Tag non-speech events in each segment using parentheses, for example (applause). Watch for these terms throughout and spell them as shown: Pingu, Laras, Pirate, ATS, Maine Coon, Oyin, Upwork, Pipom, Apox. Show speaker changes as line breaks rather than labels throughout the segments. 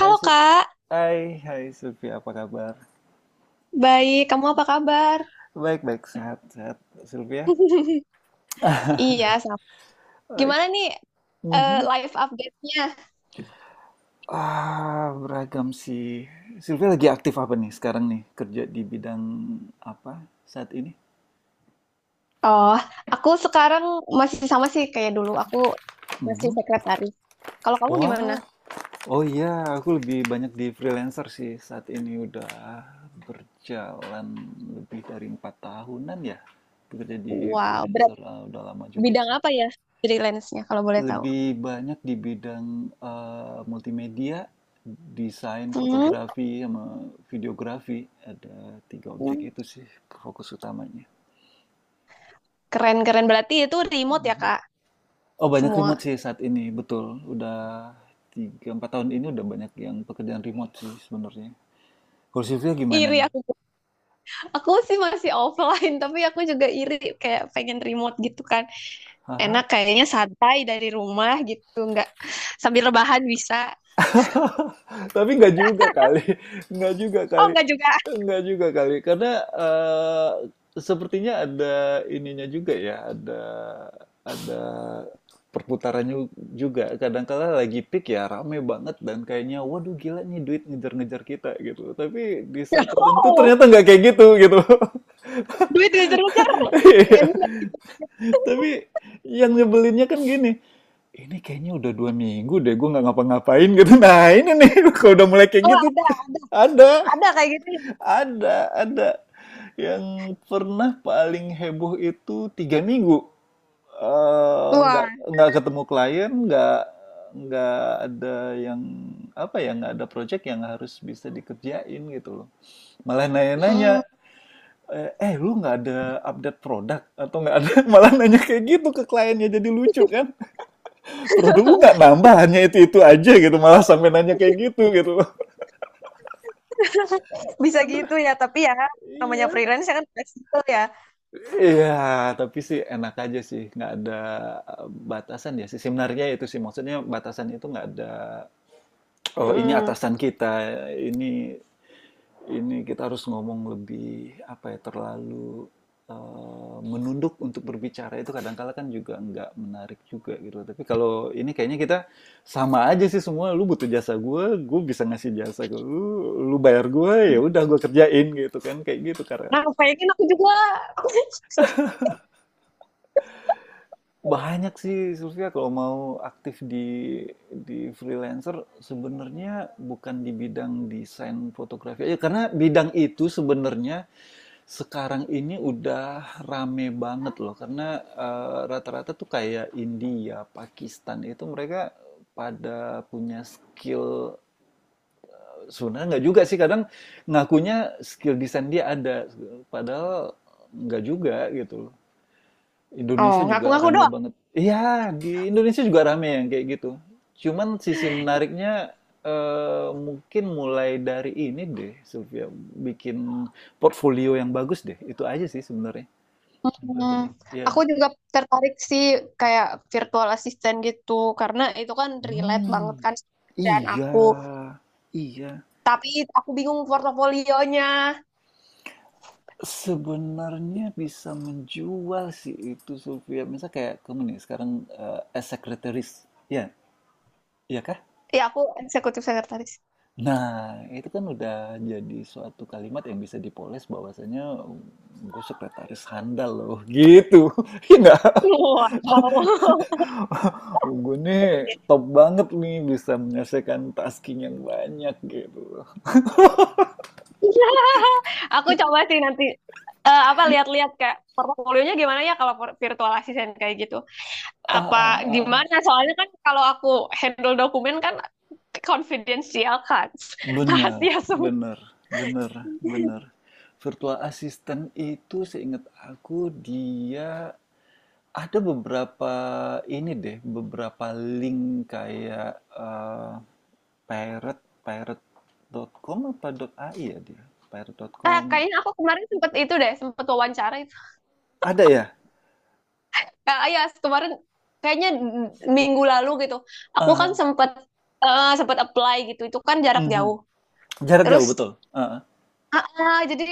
Hai, Si-
Kak,
hai, Sylvia, apa kabar?
baik. Kamu apa kabar?
Baik-baik, sehat-sehat, Sylvia.
(laughs)
(laughs)
Iya, sama.
Baik.
Gimana nih
Mhm.
live update-nya?
Ah, beragam sih. Sylvia lagi aktif apa nih sekarang nih? Kerja di bidang apa saat ini?
Oh, aku sekarang masih sama sih kayak dulu. Aku masih
Mhm.
sekretaris. Kalau kamu gimana?
Wah, oh iya, aku lebih banyak di freelancer sih saat ini udah berjalan lebih dari empat tahunan ya. Bekerja di
Wow, berat
freelancer, udah lama juga
bidang
sih.
apa ya freelance-nya kalau boleh tahu?
Lebih banyak di bidang, multimedia, desain,
Hmm.
fotografi, sama videografi. Ada 3 objek itu sih fokus utamanya.
Keren-keren. Berarti itu remote ya,
Mhm.
Kak?
Oh, banyak remote
Semua.
sih saat ini, betul. Udah 3 4 tahun ini udah banyak yang pekerjaan remote sih sebenarnya. Kalau Sylvia gimana
Iri
nih?
aku. Aku sih masih offline, (laughs) tapi aku juga iri kayak pengen remote gitu kan. Enak kayaknya santai dari rumah gitu, nggak sambil rebahan bisa.
(laughs) Tapi nggak juga kali, nggak juga
Oh,
kali,
nggak juga.
nggak juga kali, karena sepertinya ada ininya juga ya, ada perputarannya juga. Kadangkala lagi peak ya rame banget dan kayaknya waduh gila nih duit ngejar-ngejar kita gitu. Tapi di saat
(laughs)
tertentu
Oh,
ternyata nggak kayak gitu gitu. (laughs)
duit ngejar-ngejar.
Iya.
Kayaknya nggak gitu.
Tapi yang nyebelinnya kan gini, ini kayaknya udah 2 minggu deh gue nggak ngapa-ngapain gitu. Nah, ini nih (laughs) kalau udah mulai
Oh,
kayak gitu
ada.
(laughs) ada,
Ada kayak gitu.
ada, ada. Yang pernah paling heboh itu 3 minggu. Eh, nggak
Wah.
nggak ketemu klien, nggak ada yang apa ya, nggak ada project yang harus bisa dikerjain gitu loh. Malah
Hmm.
nanya-nanya, lu nggak ada update produk atau nggak ada (laughs) malah nanya kayak gitu ke kliennya jadi lucu kan. Produk lu nggak
(laughs)
nambah hanya itu aja gitu malah sampai nanya kayak gitu gitu.
Bisa
Aduh,
gitu ya. Tapi ya, namanya
iya
freelance ya kan fleksibel ya.
iya, tapi sih enak aja sih nggak ada eh, batasan ya sih sebenarnya itu sih, maksudnya batasan itu nggak ada. Oh, ini
Mm-mm.
atasan kita ini. Ini kita harus ngomong lebih apa ya terlalu menunduk untuk berbicara itu, kadangkala kan juga nggak menarik juga gitu. Tapi kalau ini kayaknya kita sama aja sih semua. Lu butuh jasa gue bisa ngasih jasa ke lu. Lu bayar gue ya udah gue kerjain gitu kan kayak gitu, karena
Nah, pengen aku juga. (laughs)
banyak sih Sylvia kalau mau aktif di freelancer, sebenarnya bukan di bidang desain fotografi aja karena bidang itu sebenarnya sekarang ini udah rame banget loh, karena rata-rata tuh kayak India, Pakistan itu mereka pada punya skill, sebenarnya nggak juga sih kadang, ngakunya skill desain dia ada, padahal nggak juga gitu loh.
Oh,
Indonesia juga
ngaku-ngaku
rame
doang.
banget. Iya, di Indonesia juga rame yang kayak gitu. Cuman sisi menariknya mungkin mulai dari ini deh, Sylvia, bikin portfolio yang bagus deh. Itu aja sih sebenarnya. Yang paling
Hmm.
penting. Iya.
Aku juga tertarik sih kayak virtual assistant gitu karena itu kan relate banget
Hmm,
kan dengan
iya,
aku.
iya.
Tapi aku bingung portofolionya.
Sebenarnya bisa menjual sih itu Sylvia. Misal kayak kamu nih sekarang as secretaries, ya, iya kah?
Ya aku eksekutif sekretaris.
Nah, itu kan udah jadi suatu kalimat yang bisa dipoles bahwasanya gue sekretaris handal loh, gitu. (laughs) Iya nggak?
Wow.
(laughs) Gue nih
(laughs)
top banget nih bisa menyelesaikan tasking yang banyak gitu.
Aku coba sih nanti apa lihat-lihat kayak portofolionya gimana ya kalau virtual assistant kayak gitu.
Ah, ah,
Apa
ah, ah.
gimana? Soalnya kan kalau aku handle dokumen kan confidential kan. (laughs)
Bener,
Rahasia semua.
bener, bener, bener. Virtual assistant itu seingat aku, dia ada beberapa ini deh, beberapa link kayak eh, pirate, pirate.com apa dot .ai ya dia?
Eh,
Pirate.com.
kayaknya aku kemarin sempet itu deh, sempet wawancara
Ada ya?
Kak Ayas kemarin kayaknya minggu lalu gitu. Aku kan
Ah,
sempet sempet apply gitu. Itu kan jarak
mhm.
jauh.
Jarak
Terus
jauh betul. Ah, ah.
jadi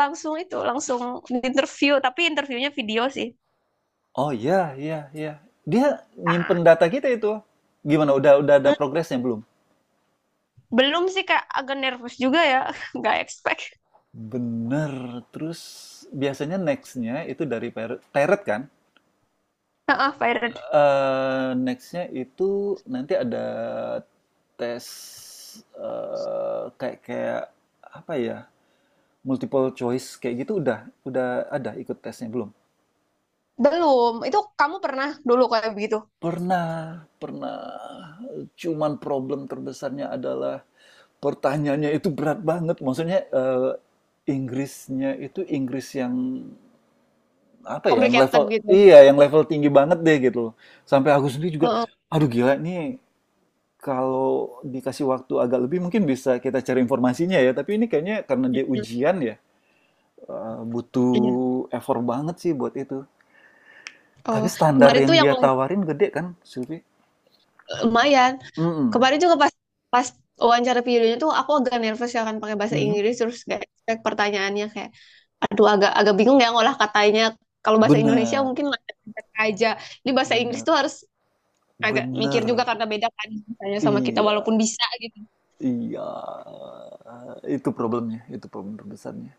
langsung itu langsung di interview tapi interviewnya video sih.
Oh iya, iya, iya. Dia
Ah,
nyimpen data kita itu. Gimana? Udah ada
eh,
progresnya belum?
belum sih Kak, agak nervous juga ya. (laughs) Nggak expect.
Bener. Terus biasanya next-nya itu dari teret kan?
Ah, fired.
Next-nya itu nanti ada tes eh kayak kayak apa ya? Multiple choice kayak gitu udah ada ikut tesnya belum?
Belum. Itu kamu pernah dulu kayak begitu.
Pernah, pernah. Cuman problem terbesarnya adalah pertanyaannya itu berat banget. Maksudnya Inggrisnya itu Inggris yang apa ya yang level,
Complicated gitu.
iya, yang level tinggi banget deh gitu loh. Sampai aku sendiri juga
Heeh.
aduh gila nih, kalau dikasih waktu agak lebih mungkin bisa kita cari informasinya ya, tapi ini kayaknya karena dia ujian ya,
Iya.
butuh effort banget sih buat itu,
Oh,
tapi standar
kemarin
yang
tuh yang
dia
lancar
tawarin gede kan, Sylvie.
lumayan.
Mm-mm.
Kemarin juga pas pas wawancara videonya tuh aku agak nervous ya kan pakai bahasa
Mhm.
Inggris terus kayak pertanyaannya kayak aduh agak agak bingung ya ngolah katanya. Kalau bahasa Indonesia
Bener,
mungkin lancar aja. Ini bahasa Inggris
bener,
tuh harus agak mikir
bener,
juga karena beda kan misalnya sama kita
iya,
walaupun bisa gitu.
iya, itu problemnya, itu problem terbesarnya.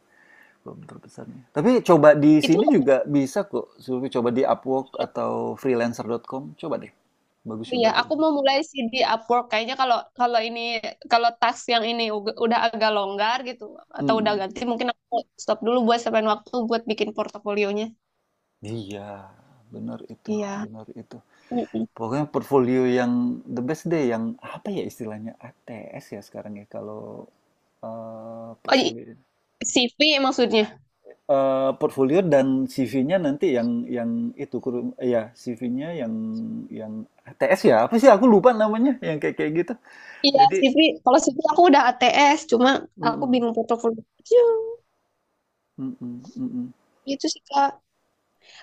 Belum terbesarnya. Tapi coba di
Itu
sini juga bisa kok. Zulfi coba di Upwork atau freelancer.com. Coba deh. Bagus
ya
juga kok
aku
itu.
mau mulai sih di Upwork kayaknya kalau kalau ini kalau task yang ini udah agak longgar gitu atau udah
Mm-mm.
ganti mungkin aku stop dulu buat sampein waktu buat bikin portofolionya.
Iya, benar itu,
Iya.
benar itu.
Mm-mm.
Pokoknya portfolio yang the best deh, yang apa ya istilahnya ATS ya sekarang ya kalau
Oh, i-
portfolio.
CV maksudnya.
Portfolio dan CV-nya nanti yang itu kurung ya CV-nya yang ATS ya apa sih aku lupa namanya yang kayak kayak gitu.
Iya,
Jadi,
CV. Kalau CV aku udah ATS, cuma aku
mm-mm.
bingung portofolio.
Mhm, mhm.
Itu sih, Kak.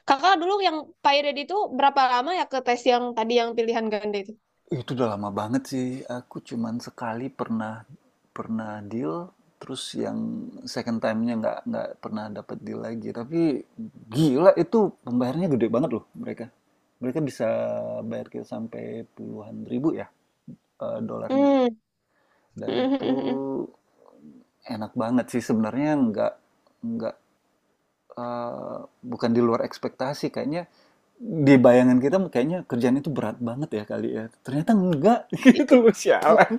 Kakak dulu yang Pyred itu berapa lama ya ke tes yang tadi yang pilihan ganda itu?
Itu udah lama banget sih, aku cuman sekali pernah pernah deal, terus yang second time-nya nggak pernah dapet deal lagi. Tapi gila itu pembayarannya gede banget loh mereka. Mereka bisa bayar kita sampai puluhan ribu ya, dolarnya.
Hmm.
Dan itu
(laughs)
enak banget sih sebenarnya, nggak eh, bukan di luar ekspektasi, kayaknya di bayangan kita kayaknya kerjaan itu berat banget ya kali ya, ternyata enggak (laughs) gitu
Iya.
loh sialan,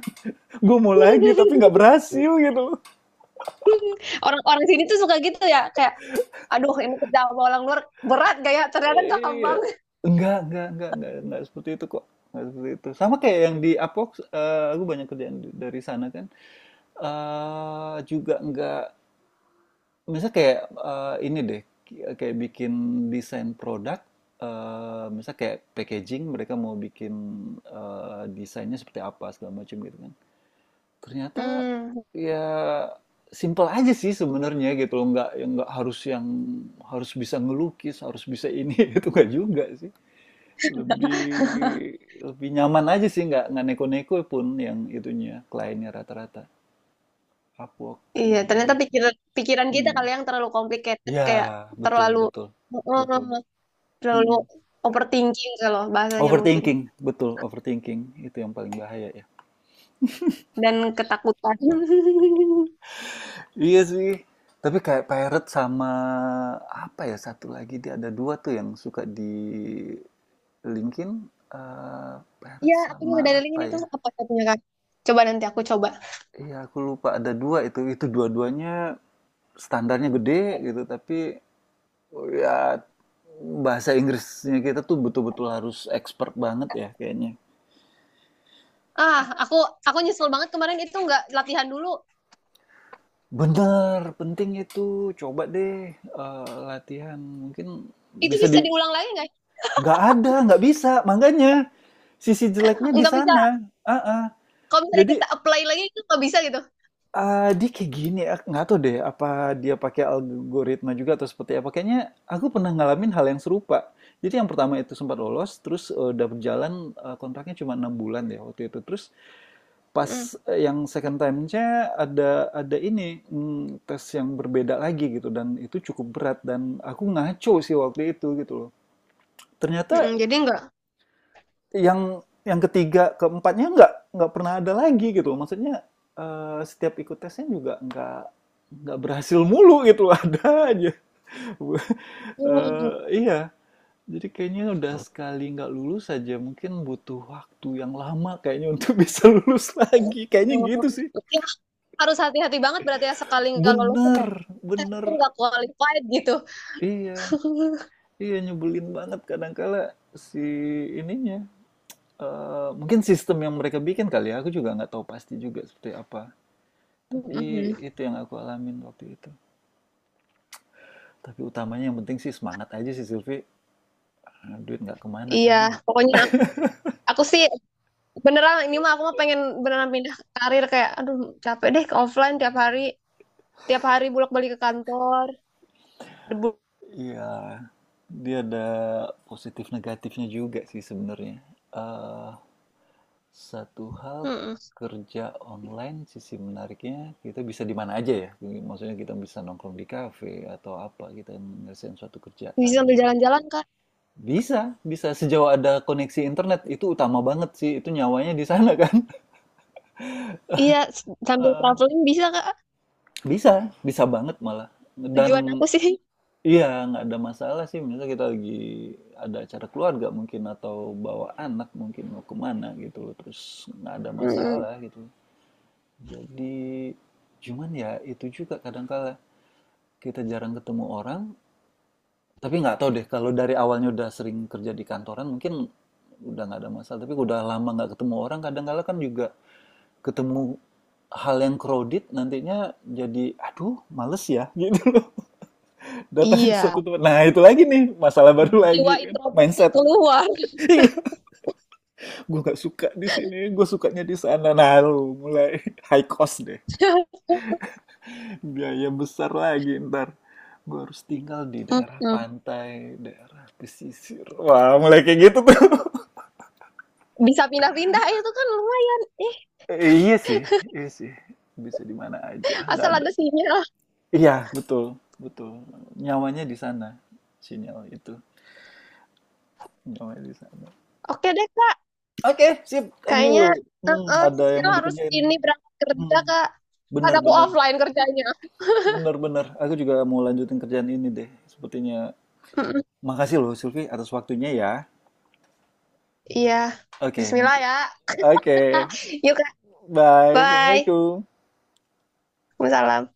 gue mau lagi tapi
(laughs)
nggak berhasil gitu loh.
Orang-orang sini tuh suka gitu ya, kayak aduh ini kerja sama orang luar berat gak ya? Ternyata
Iya
gampang.
enggak seperti itu kok, enggak seperti itu, sama kayak yang di Apox, aku banyak kerjaan dari sana kan, juga enggak. Misalnya kayak ini deh, kayak bikin desain produk, misalnya kayak packaging, mereka mau bikin desainnya seperti apa segala macam gitu kan. Ternyata
Hmm.
ya simple aja sih sebenarnya gitu loh, nggak yang nggak harus yang harus bisa ngelukis, harus bisa ini (laughs) itu nggak juga sih. Lebih lebih nyaman aja sih, nggak neko-neko pun yang itunya kliennya rata-rata. Upwork,
Iya,
ya
ternyata
menarik sih.
pikiran pikiran kita kali
Hmm.
yang terlalu complicated
Ya,
kayak
betul,
terlalu.
betul, betul.
Terlalu
Mm.
overthinking kalau bahasanya mungkin.
Overthinking, betul, overthinking itu yang paling bahaya ya.
Dan ketakutan. (laughs)
Iya sih. Tapi kayak Pirate sama apa ya satu lagi, dia ada dua tuh yang suka di linkin, eh
Iya,
Pirate
aku
sama
juga
apa
dadalingin itu
ya?
apa satunya Kak? Coba nanti aku coba.
Iya aku lupa ada dua itu dua-duanya standarnya gede gitu, tapi oh ya, bahasa Inggrisnya kita tuh betul-betul harus expert banget ya kayaknya.
Ah, aku nyesel banget kemarin itu nggak latihan dulu.
Bener, penting itu. Coba deh, latihan. Mungkin
Itu
bisa di,
bisa diulang lagi nggak?
nggak ada, nggak bisa. Makanya, sisi jeleknya di
Nggak bisa.
sana. Ah, ah.
Kalau misalnya
Jadi,
kita apply lagi itu nggak bisa gitu.
dia kayak gini, ak nggak tahu deh apa dia pakai algoritma juga atau seperti apa. Kayaknya aku pernah ngalamin hal yang serupa. Jadi yang pertama itu sempat lolos, terus, dapet jalan, kontraknya cuma 6 bulan deh waktu itu. Terus pas
Mm,
yang second time-nya ada ini tes yang berbeda lagi gitu, dan itu cukup berat dan aku ngaco sih waktu itu gitu loh.
mm,
Ternyata
jadi nggak.
yang ketiga keempatnya nggak pernah ada lagi gitu loh. Maksudnya setiap ikut tesnya juga nggak berhasil mulu gitu loh. Ada aja. (laughs)
Hmm.
Eh, iya. Jadi kayaknya udah sekali nggak lulus aja mungkin butuh waktu yang lama kayaknya untuk (laughs) bisa lulus lagi. Kayaknya gitu sih.
Ya, harus hati-hati banget berarti ya sekali nggak lolos tuh kayak
Bener, bener.
aku nggak qualified gitu.
Iya,
(laughs)
iya nyebelin banget kadangkala si ininya. Mungkin sistem yang mereka bikin kali ya, aku juga nggak tahu pasti juga seperti apa. Tapi
Mm-mm.
itu yang aku alamin waktu itu. Tapi utamanya yang penting sih semangat aja sih Silvi. Duit nggak kemana kan
Iya,
ya nggak?
pokoknya aku sih beneran ini mah aku mah pengen beneran pindah karir kayak aduh capek deh ke offline tiap hari bolak-balik ke kantor debu.
Iya, dia ada positif negatifnya juga sih sebenarnya. Eh Satu hal
Mm-mm.
kerja online, sisi menariknya kita bisa di mana aja ya. Maksudnya kita bisa nongkrong di kafe atau apa, kita ngerasain suatu
Bisa
kerjaan.
sambil jalan-jalan kak.
Bisa, bisa sejauh ada koneksi internet itu utama banget sih. Itu nyawanya di sana kan. (laughs)
Iya sambil
Eh,
traveling bisa kak
Bisa, bisa banget malah. Dan
tujuan aku sih.
iya nggak ada masalah sih. Misalnya kita lagi ada acara keluarga mungkin, atau bawa anak mungkin mau kemana gitu. Terus nggak ada
Mm-mm.
masalah gitu. Jadi, cuman ya itu juga kadangkala kita jarang ketemu orang, tapi nggak tahu deh kalau dari awalnya udah sering kerja di kantoran mungkin udah nggak ada masalah. Tapi udah lama nggak ketemu orang, kadangkala kan juga ketemu hal yang crowded nantinya, jadi aduh males ya (laughs) gitu loh datang ke suatu
Iya,
tempat, nah itu lagi nih masalah baru lagi
jiwa
kan,
introvertnya
mindset.
keluar.
(laughs) Iya, gue nggak suka di sini, gue sukanya di sana, nah lu mulai (laughs) high cost deh,
(laughs)
biaya besar lagi ntar gue harus tinggal di daerah
Mm-mm.
pantai, daerah pesisir, wah mulai kayak gitu tuh. (laughs)
Bisa pindah-pindah itu kan lumayan eh
Iya sih, iya sih, bisa di mana aja, nggak
asal
ada,
ada sinyal.
iya, betul, betul, nyawanya di sana, sinyal itu nyawanya di sana.
Oke deh kak
Oke, sip, thank you.
kayaknya
Ada yang
Sisil
mau
harus
dikerjain.
ini berangkat kerja
Hmm,
kak kan
bener,
aku
bener,
offline kerjanya.
bener, bener, aku juga mau lanjutin kerjaan ini deh sepertinya.
Mm-mm.
Makasih loh, Silvi, atas waktunya ya.
Iya.
Oke,
Bismillah
mungkin.
ya.
Oke.
Yuk, Kak.
Bye.
Bye.
Assalamualaikum.
Waalaikumsalam.